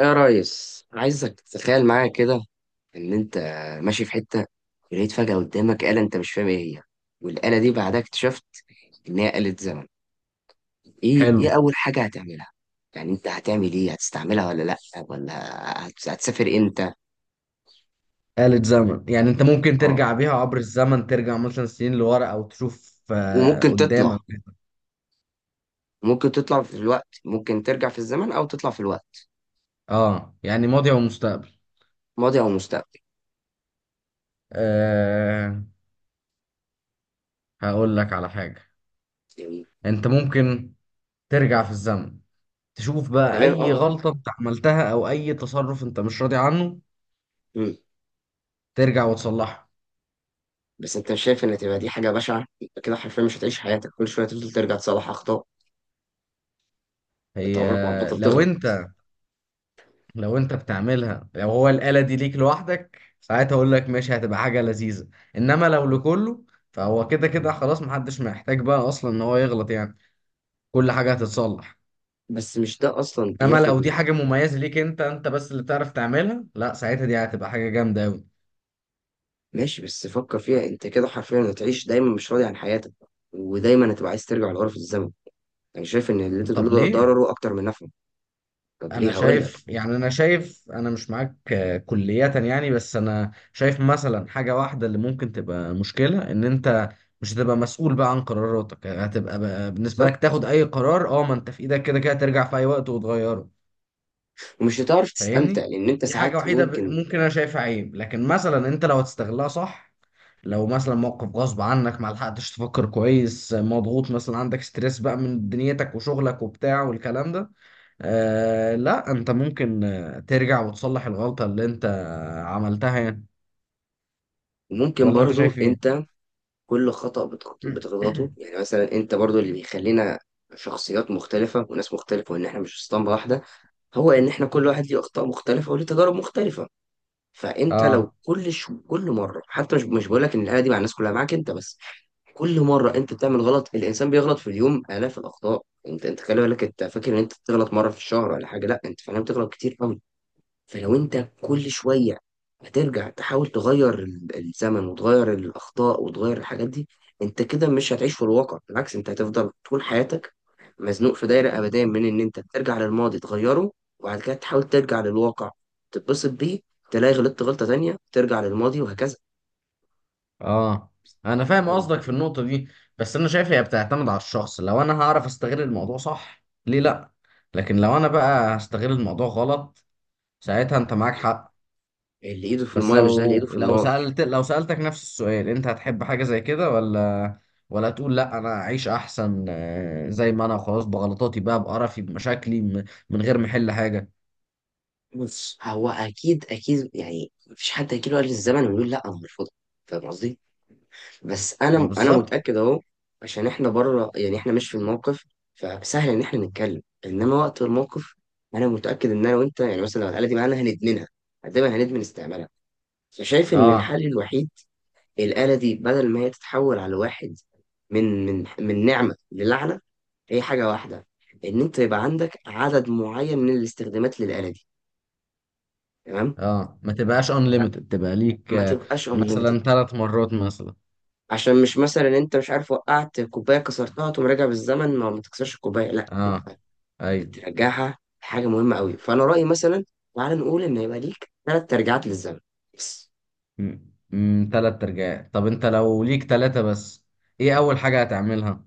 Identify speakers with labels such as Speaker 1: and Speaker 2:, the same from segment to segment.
Speaker 1: يا ريس، عايزك تتخيل معايا كده ان انت ماشي في حته ولقيت فجاه قدامك آلة انت مش فاهم ايه هي. والآلة دي بعدها اكتشفت ان هي آلة زمن. ايه
Speaker 2: حلو.
Speaker 1: اول حاجه هتعملها؟ يعني انت هتعمل ايه، هتستعملها ولا لا؟ ولا هتسافر امتى؟
Speaker 2: آلة زمن يعني انت ممكن
Speaker 1: اه،
Speaker 2: ترجع بيها عبر الزمن، ترجع مثلا سنين لورا او تشوف
Speaker 1: وممكن تطلع
Speaker 2: قدامك.
Speaker 1: ممكن تطلع في الوقت، ممكن ترجع في الزمن او تطلع في الوقت.
Speaker 2: اه، يعني ماضي ومستقبل.
Speaker 1: ماضي او مستقبل،
Speaker 2: آه، هقول لك على حاجة.
Speaker 1: يعني.
Speaker 2: انت ممكن ترجع في الزمن تشوف بقى
Speaker 1: تمام،
Speaker 2: اي
Speaker 1: اه.
Speaker 2: غلطة انت عملتها او اي تصرف انت مش راضي عنه،
Speaker 1: مم.
Speaker 2: ترجع وتصلحه.
Speaker 1: بس انت مش شايف ان تبقى دي حاجه بشعه؟ انت كده حرفيا مش هتعيش حياتك، كل شويه تفضل ترجع تصلح اخطاء. انت
Speaker 2: هي
Speaker 1: عمرك ما هتبطل
Speaker 2: لو
Speaker 1: تغلط.
Speaker 2: انت لو انت بتعملها، لو هو الآلة دي ليك لوحدك ساعتها اقول لك ماشي، هتبقى حاجة لذيذة. انما لو
Speaker 1: م-
Speaker 2: لكله، فهو كده
Speaker 1: م.
Speaker 2: كده خلاص، محدش محتاج بقى اصلا ان هو يغلط يعني. كل حاجة هتتصلح.
Speaker 1: بس مش ده اصلا
Speaker 2: انما
Speaker 1: بياخد
Speaker 2: لو دي
Speaker 1: من.
Speaker 2: حاجة مميزة ليك انت، انت بس اللي بتعرف تعملها، لا، ساعتها دي هتبقى حاجة جامدة اوي.
Speaker 1: ماشي، بس فكر فيها، انت كده حرفيا هتعيش دايما مش راضي عن حياتك، ودايما هتبقى عايز ترجع لغرف الزمن. يعني شايف ان اللي انت بتقوله
Speaker 2: طب
Speaker 1: ده
Speaker 2: ليه؟
Speaker 1: ضرره اكتر من نفعه. طب ليه؟ هقول لك.
Speaker 2: انا شايف انا مش معاك كلية يعني، بس انا شايف مثلا حاجة واحدة اللي ممكن تبقى مشكلة، ان انت مش هتبقى مسؤول بقى عن قراراتك يعني. هتبقى بقى بالنسبة لك
Speaker 1: بالظبط.
Speaker 2: تاخد اي قرار، اه ما انت في ايدك كده كده ترجع في اي وقت وتغيره.
Speaker 1: ومش هتعرف تستمتع
Speaker 2: فاهمني؟
Speaker 1: لان انت
Speaker 2: دي حاجة
Speaker 1: ساعات
Speaker 2: وحيدة
Speaker 1: ممكن
Speaker 2: ممكن انا شايفها عيب، لكن مثلا انت لو هتستغلها صح، لو مثلا موقف غصب عنك ما لحقتش تفكر كويس، مضغوط مثلا عندك ستريس بقى من دنيتك وشغلك وبتاع والكلام ده آه لا انت ممكن ترجع وتصلح الغلطة اللي انت عملتها يعني.
Speaker 1: ممكن
Speaker 2: ولا انت
Speaker 1: برضو
Speaker 2: شايف ايه؟
Speaker 1: انت. كل خطأ بتغلطه، يعني مثلا انت برضو اللي يخلينا شخصيات مختلفة وناس مختلفة، وان احنا مش اسطمبة واحدة. هو ان احنا كل واحد ليه اخطاء مختلفة وليه تجارب مختلفة. فانت لو
Speaker 2: اه،
Speaker 1: كل كل مره، حتى مش بقول لك ان الاله دي مع الناس كلها، معاك انت بس، كل مره انت بتعمل غلط. الانسان بيغلط في اليوم الاف الاخطاء. انت خلي بالك، انت فاكر ان انت بتغلط مره في الشهر ولا حاجه؟ لا، انت فعلا بتغلط كتير قوي. فلو انت كل شوية هترجع تحاول تغير الزمن وتغير الأخطاء وتغير الحاجات دي، انت كده مش هتعيش في الواقع. بالعكس، انت هتفضل طول حياتك مزنوق في دايرة أبدية من ان انت ترجع للماضي تغيره، وبعد كده تحاول ترجع للواقع تتبسط بيه، تلاقي غلطت غلطة تانية ترجع للماضي، وهكذا.
Speaker 2: اه، انا فاهم
Speaker 1: فاهم
Speaker 2: قصدك في
Speaker 1: الفكرة؟
Speaker 2: النقطة دي، بس انا شايف هي بتعتمد على الشخص، لو انا هعرف استغل الموضوع صح ليه لا؟ لكن لو انا
Speaker 1: طيب.
Speaker 2: بقى هستغل الموضوع غلط ساعتها انت
Speaker 1: ما
Speaker 2: معاك
Speaker 1: هو
Speaker 2: حق.
Speaker 1: اللي ايده في
Speaker 2: بس
Speaker 1: المايه مش زي اللي ايده في النار.
Speaker 2: لو سألتك نفس السؤال، انت هتحب حاجة زي كده، ولا تقول لا انا اعيش احسن زي ما انا خلاص بغلطاتي بقى بقرفي بمشاكلي من غير ما احل حاجة؟
Speaker 1: بص، هو اكيد اكيد، يعني مفيش حد هيجي له قال الزمن ويقول لا انا مرفوض. فاهم قصدي؟ بس
Speaker 2: ما
Speaker 1: انا
Speaker 2: بالظبط.
Speaker 1: متاكد اهو. عشان احنا بره، يعني احنا مش في الموقف، فسهل ان احنا نتكلم. انما وقت الموقف، انا متاكد ان انا وانت، يعني مثلا لو الاله دي معانا، هندمنها. دايما هندمن استعمالها. فشايف ان
Speaker 2: اه،
Speaker 1: الحل الوحيد، الاله دي بدل ما هي تتحول على واحد من نعمه للعنه، هي حاجه واحده، ان انت يبقى عندك عدد معين من الاستخدامات للاله دي. تمام.
Speaker 2: اه، ما تبقاش unlimited، تبقى ليك
Speaker 1: ما تبقاش unlimited.
Speaker 2: مثلا 3 مرات مثلا.
Speaker 1: عشان مش مثلا انت مش عارف وقعت كوبايه كسرتها تقوم راجع بالزمن ما تكسرش الكوبايه. لا،
Speaker 2: اه،
Speaker 1: تبقى
Speaker 2: ايوه،
Speaker 1: بترجعها حاجه مهمه قوي. فانا رايي مثلا، تعال نقول ان يبقى ليك ثلاث ترجعات للزمن بس.
Speaker 2: 3 ترجعات. طب انت لو ليك ثلاثة بس، ايه اول حاجة هتعملها؟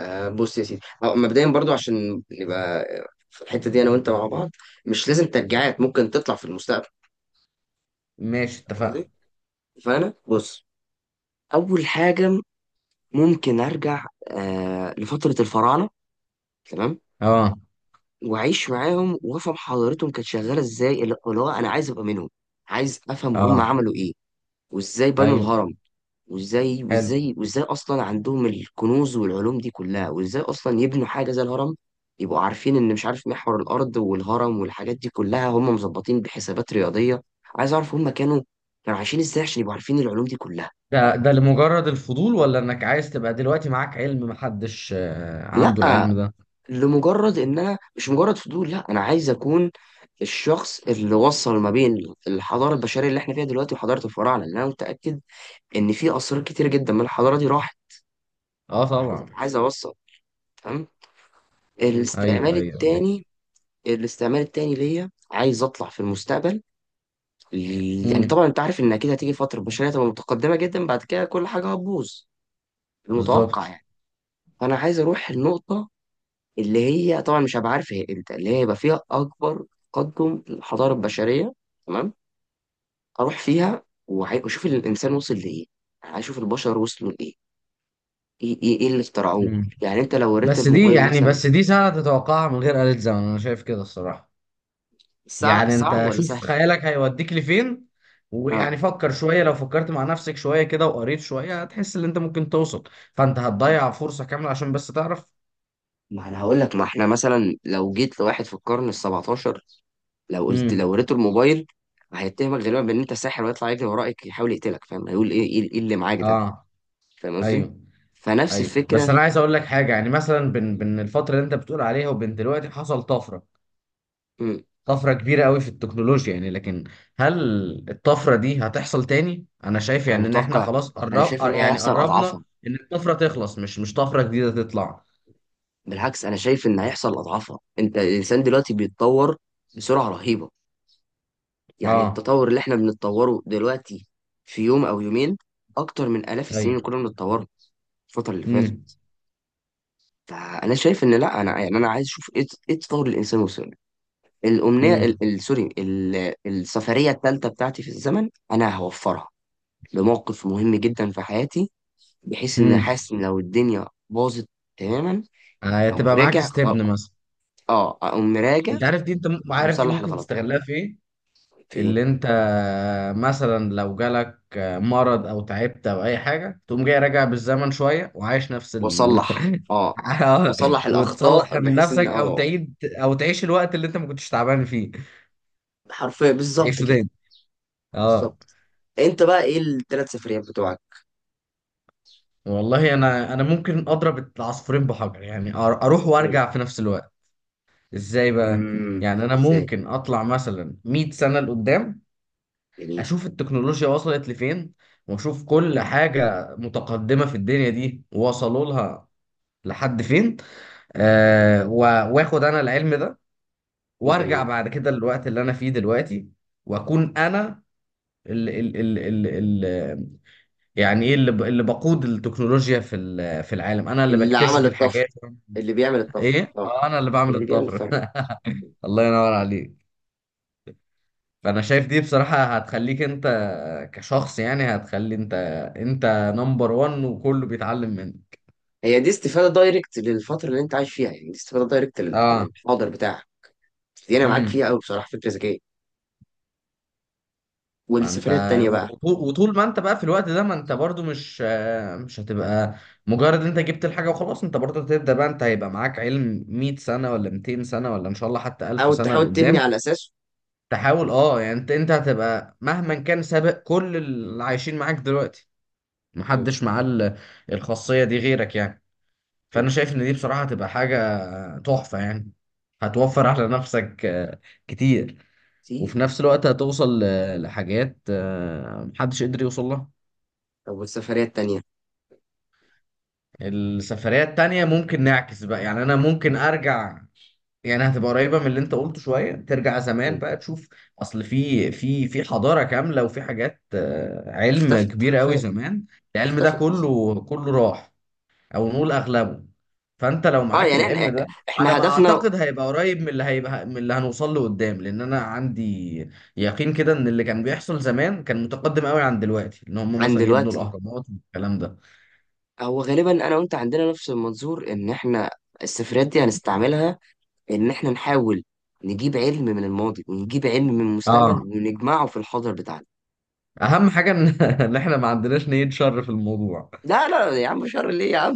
Speaker 1: بص يا سيدي، أو مبدئيا برضو، عشان نبقى في الحته دي انا وانت مع بعض، مش لازم ترجعات، ممكن تطلع في المستقبل.
Speaker 2: ماشي
Speaker 1: فاهم
Speaker 2: اتفقنا.
Speaker 1: قصدي. فانا بص، اول حاجه ممكن ارجع آه لفتره الفراعنه. تمام.
Speaker 2: اه،
Speaker 1: واعيش معاهم وافهم حضارتهم كانت شغاله ازاي، اللي هو انا عايز ابقى منهم. عايز افهم هم
Speaker 2: اه،
Speaker 1: عملوا ايه، وازاي بنوا
Speaker 2: ايوه.
Speaker 1: الهرم. وازاي
Speaker 2: حلو.
Speaker 1: وازاي وازاي اصلا عندهم الكنوز والعلوم دي كلها، وازاي اصلا يبنوا حاجه زي الهرم يبقوا عارفين ان، مش عارف، محور الارض والهرم والحاجات دي كلها هم مظبطين بحسابات رياضيه. عايز اعرف هم كانوا عايشين ازاي عشان يبقوا عارفين العلوم دي كلها.
Speaker 2: ده لمجرد الفضول، ولا انك عايز تبقى دلوقتي معاك علم محدش عنده
Speaker 1: لا،
Speaker 2: العلم ده؟
Speaker 1: لمجرد ان انا، مش مجرد فضول، لا انا عايز اكون الشخص اللي وصل ما بين الحضاره البشريه اللي احنا فيها دلوقتي وحضاره الفراعنه، لان انا متاكد ان في اسرار كتير جدا من الحضاره دي راحت.
Speaker 2: اه
Speaker 1: عايز
Speaker 2: طبعا.
Speaker 1: عايز اوصل. تمام.
Speaker 2: ايوه،
Speaker 1: الاستعمال
Speaker 2: ايوه، ايوه.
Speaker 1: التاني الاستعمال التاني ليا، عايز اطلع في المستقبل. يعني
Speaker 2: امم.
Speaker 1: طبعا انت عارف ان اكيد هتيجي فتره البشريه تبقى متقدمه جدا، بعد كده كل حاجه هتبوظ، المتوقع
Speaker 2: بالظبط.
Speaker 1: يعني. فانا عايز اروح النقطه اللي هي، طبعا مش هبقى عارف هي امتى، اللي هي يبقى فيها اكبر تقدم الحضاره البشريه. تمام. اروح فيها واشوف الانسان وصل لايه، يعني اشوف البشر وصلوا لايه. ايه ايه إيه اللي اخترعوه؟
Speaker 2: امم.
Speaker 1: يعني انت لو وريت الموبايل مثلا.
Speaker 2: بس دي سنة تتوقعها من غير آلة زمن، انا شايف كده الصراحة.
Speaker 1: صعب
Speaker 2: يعني
Speaker 1: صعب
Speaker 2: انت
Speaker 1: ولا
Speaker 2: شوف
Speaker 1: سهل؟
Speaker 2: خيالك هيوديك لفين،
Speaker 1: اه،
Speaker 2: ويعني فكر شوية، لو فكرت مع نفسك شوية كده وقريت شوية هتحس ان انت ممكن توصل. فانت هتضيع فرصة كاملة عشان بس تعرف.
Speaker 1: ما انا هقول لك، ما احنا مثلا لو جيت لواحد في القرن ال 17، لو قلت، لو
Speaker 2: امم.
Speaker 1: وريته الموبايل، هيتهمك غالبا بان انت ساحر ويطلع يجري وراك يحاول يقتلك. فاهم هيقول ايه؟ إيه اللي معاك ده؟
Speaker 2: اه،
Speaker 1: فاهم قصدي.
Speaker 2: ايوه،
Speaker 1: فنفس
Speaker 2: ايوه. بس
Speaker 1: الفكره.
Speaker 2: انا عايز اقول لك حاجه، يعني مثلا بين الفتره اللي انت بتقول عليها وبين دلوقتي حصل طفره. طفره كبيره قوي في التكنولوجيا، يعني لكن هل الطفره دي هتحصل تاني؟ انا شايف
Speaker 1: انا
Speaker 2: يعني ان احنا
Speaker 1: متوقع،
Speaker 2: خلاص
Speaker 1: انا شايف ان هيحصل اضعافها.
Speaker 2: قربنا ان الطفره تخلص، مش طفره جديده تطلع.
Speaker 1: بالعكس، انا شايف ان هيحصل اضعافها. انت الانسان دلوقتي بيتطور بسرعه رهيبه. يعني
Speaker 2: اه،
Speaker 1: التطور اللي احنا بنتطوره دلوقتي في يوم او يومين اكتر من الاف السنين
Speaker 2: ايوه،
Speaker 1: اللي كنا بنتطوره الفتره اللي
Speaker 2: امم،
Speaker 1: فاتت. فانا شايف ان، لا انا يعني انا عايز اشوف ايه التطور اللي الانسان وصل له. الامنيه ال-
Speaker 2: امم،
Speaker 1: ال- سوري ال- السفريه الثالثه بتاعتي في الزمن انا هوفرها لموقف مهم جدا في حياتي، بحيث ان
Speaker 2: امم.
Speaker 1: حاسس ان لو الدنيا باظت تماما، اقوم
Speaker 2: هتبقى معاك
Speaker 1: راجع
Speaker 2: استبن مثلا؟
Speaker 1: اه اقوم مراجع
Speaker 2: انت عارف دي، عارف دي
Speaker 1: ومصلح
Speaker 2: ممكن
Speaker 1: الغلط ده
Speaker 2: تستغلها في ايه؟
Speaker 1: فين.
Speaker 2: اللي انت مثلا لو جالك مرض او تعبت او اي حاجه، تقوم جاي راجع بالزمن شويه وعايش نفس ال—
Speaker 1: واصلح اه
Speaker 2: آه،
Speaker 1: واصلح
Speaker 2: وتصلح
Speaker 1: الاخطاء
Speaker 2: من
Speaker 1: بحيث ان
Speaker 2: نفسك، او تعيد، او تعيش الوقت اللي انت ما كنتش تعبان فيه.
Speaker 1: حرفيا بالظبط
Speaker 2: تعيشه
Speaker 1: كده.
Speaker 2: تاني. اه.
Speaker 1: بالظبط. انت بقى ايه الثلاث سفريات بتوعك؟
Speaker 2: والله انا ممكن اضرب العصفورين بحجر، يعني اروح
Speaker 1: قول.
Speaker 2: وارجع في نفس الوقت. ازاي بقى؟
Speaker 1: امم،
Speaker 2: يعني انا
Speaker 1: ازاي؟
Speaker 2: ممكن اطلع مثلا 100 سنه لقدام،
Speaker 1: جميل.
Speaker 2: اشوف التكنولوجيا وصلت لفين، واشوف كل
Speaker 1: جميل.
Speaker 2: حاجة متقدمة في الدنيا دي وصلوا لها لحد فين.
Speaker 1: جميل.
Speaker 2: واخد انا العلم ده، وارجع
Speaker 1: جميل.
Speaker 2: بعد كده للوقت اللي انا فيه دلوقتي، واكون انا ال ال ال ال ال يعني ايه اللي اللي بقود التكنولوجيا في في العالم. انا اللي
Speaker 1: اللي عمل
Speaker 2: بكتشف الحاجات.
Speaker 1: الطفر اللي بيعمل الطفر
Speaker 2: ايه،
Speaker 1: اه
Speaker 2: انا اللي بعمل
Speaker 1: اللي بيعمل
Speaker 2: الطفرة.
Speaker 1: الفرق.
Speaker 2: الله ينور عليك. فانا شايف دي بصراحة هتخليك انت كشخص، يعني هتخلي انت نمبر وان، وكله بيتعلم منك.
Speaker 1: هي دي استفاده دايركت للفتره اللي انت عايش فيها، يعني دي استفاده دايركت
Speaker 2: اه.
Speaker 1: للحاضر بتاعك. دي انا معاك فيها
Speaker 2: امم.
Speaker 1: قوي بصراحه، فكره ذكيه.
Speaker 2: ما انت
Speaker 1: والسفريه التانيه بقى.
Speaker 2: وطول ما انت بقى في الوقت ده، ما انت برضو مش مش هتبقى مجرد انت جبت الحاجة وخلاص، انت برضو هتبدأ بقى. انت هيبقى معاك علم 100 سنة ولا 200 سنة، ولا ان شاء الله حتى
Speaker 1: او
Speaker 2: 1000 سنة
Speaker 1: تحاول تبني
Speaker 2: لقدام،
Speaker 1: على اساسه.
Speaker 2: تحاول يعني انت هتبقى مهما كان سابق كل اللي عايشين معاك دلوقتي. محدش معاه الخاصية دي غيرك يعني. فانا شايف ان دي بصراحه هتبقى حاجه تحفه يعني. هتوفر على نفسك كتير.
Speaker 1: كتير.
Speaker 2: وفي نفس الوقت هتوصل لحاجات محدش قدر يوصل لها.
Speaker 1: طب والسفرية التانية؟
Speaker 2: السفريه التانيه ممكن نعكس بقى، يعني انا ممكن ارجع، يعني هتبقى قريبه من اللي انت قلته شويه. ترجع زمان
Speaker 1: مم.
Speaker 2: بقى تشوف اصل في حضاره كامله، وفي حاجات علم
Speaker 1: اختفت
Speaker 2: كبير قوي
Speaker 1: حرفيا.
Speaker 2: زمان. العلم ده
Speaker 1: اختفت.
Speaker 2: كله كله راح، او نقول اغلبه. فانت لو
Speaker 1: اه،
Speaker 2: معاك
Speaker 1: يعني
Speaker 2: العلم
Speaker 1: احنا
Speaker 2: ده، على
Speaker 1: احنا
Speaker 2: ما
Speaker 1: هدفنا.
Speaker 2: اعتقد هيبقى قريب من اللي هنوصل له قدام. لان انا عندي يقين كده ان اللي كان بيحصل زمان كان متقدم قوي عن دلوقتي، ان هم
Speaker 1: عن
Speaker 2: مثلا يبنوا
Speaker 1: دلوقتي.
Speaker 2: الاهرامات والكلام ده.
Speaker 1: هو غالبا انا وانت عندنا نفس المنظور، ان احنا السفريات دي هنستعملها، ان احنا نحاول نجيب علم من الماضي ونجيب علم من
Speaker 2: اه.
Speaker 1: المستقبل ونجمعه في الحاضر بتاعنا.
Speaker 2: اهم حاجه إن احنا ما عندناش نية شر في الموضوع.
Speaker 1: لا لا يا عم، شر ليه يا عم؟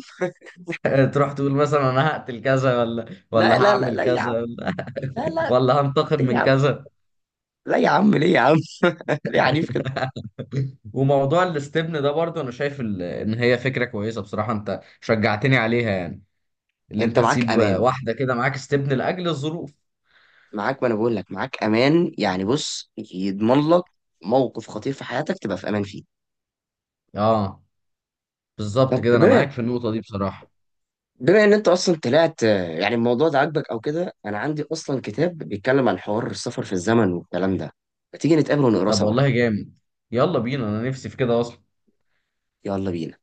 Speaker 2: تروح تقول مثلا انا هقتل كذا، ولا
Speaker 1: لا لا لا
Speaker 2: هعمل
Speaker 1: لا يا
Speaker 2: كذا،
Speaker 1: عم.
Speaker 2: ولا
Speaker 1: لا لا،
Speaker 2: ولا هنتقم
Speaker 1: ليه يا
Speaker 2: من
Speaker 1: عم؟
Speaker 2: كذا.
Speaker 1: لا يا عم، ليه يا عم؟ ليه عنيف كده؟
Speaker 2: وموضوع الاستبن ده برضه انا شايف ان هي فكره كويسه بصراحه، انت شجعتني عليها يعني. اللي انت
Speaker 1: انت معاك
Speaker 2: تسيب
Speaker 1: امان.
Speaker 2: واحده كده معاك استبن لاجل الظروف.
Speaker 1: معاك، ما انا بقول لك معاك امان، يعني بص، يضمن لك موقف خطير في حياتك تبقى في امان فيه.
Speaker 2: اه بالظبط
Speaker 1: طب
Speaker 2: كده، انا
Speaker 1: بما
Speaker 2: معاك في النقطه دي بصراحه.
Speaker 1: بما ان انت اصلا طلعت يعني الموضوع ده عاجبك او كده، انا عندي اصلا كتاب بيتكلم عن حوار السفر في الزمن والكلام ده. ما تيجي نتقابل ونقراه
Speaker 2: طب
Speaker 1: سوا.
Speaker 2: والله جامد، يلا بينا، انا نفسي في كده اصلا.
Speaker 1: يلا بينا.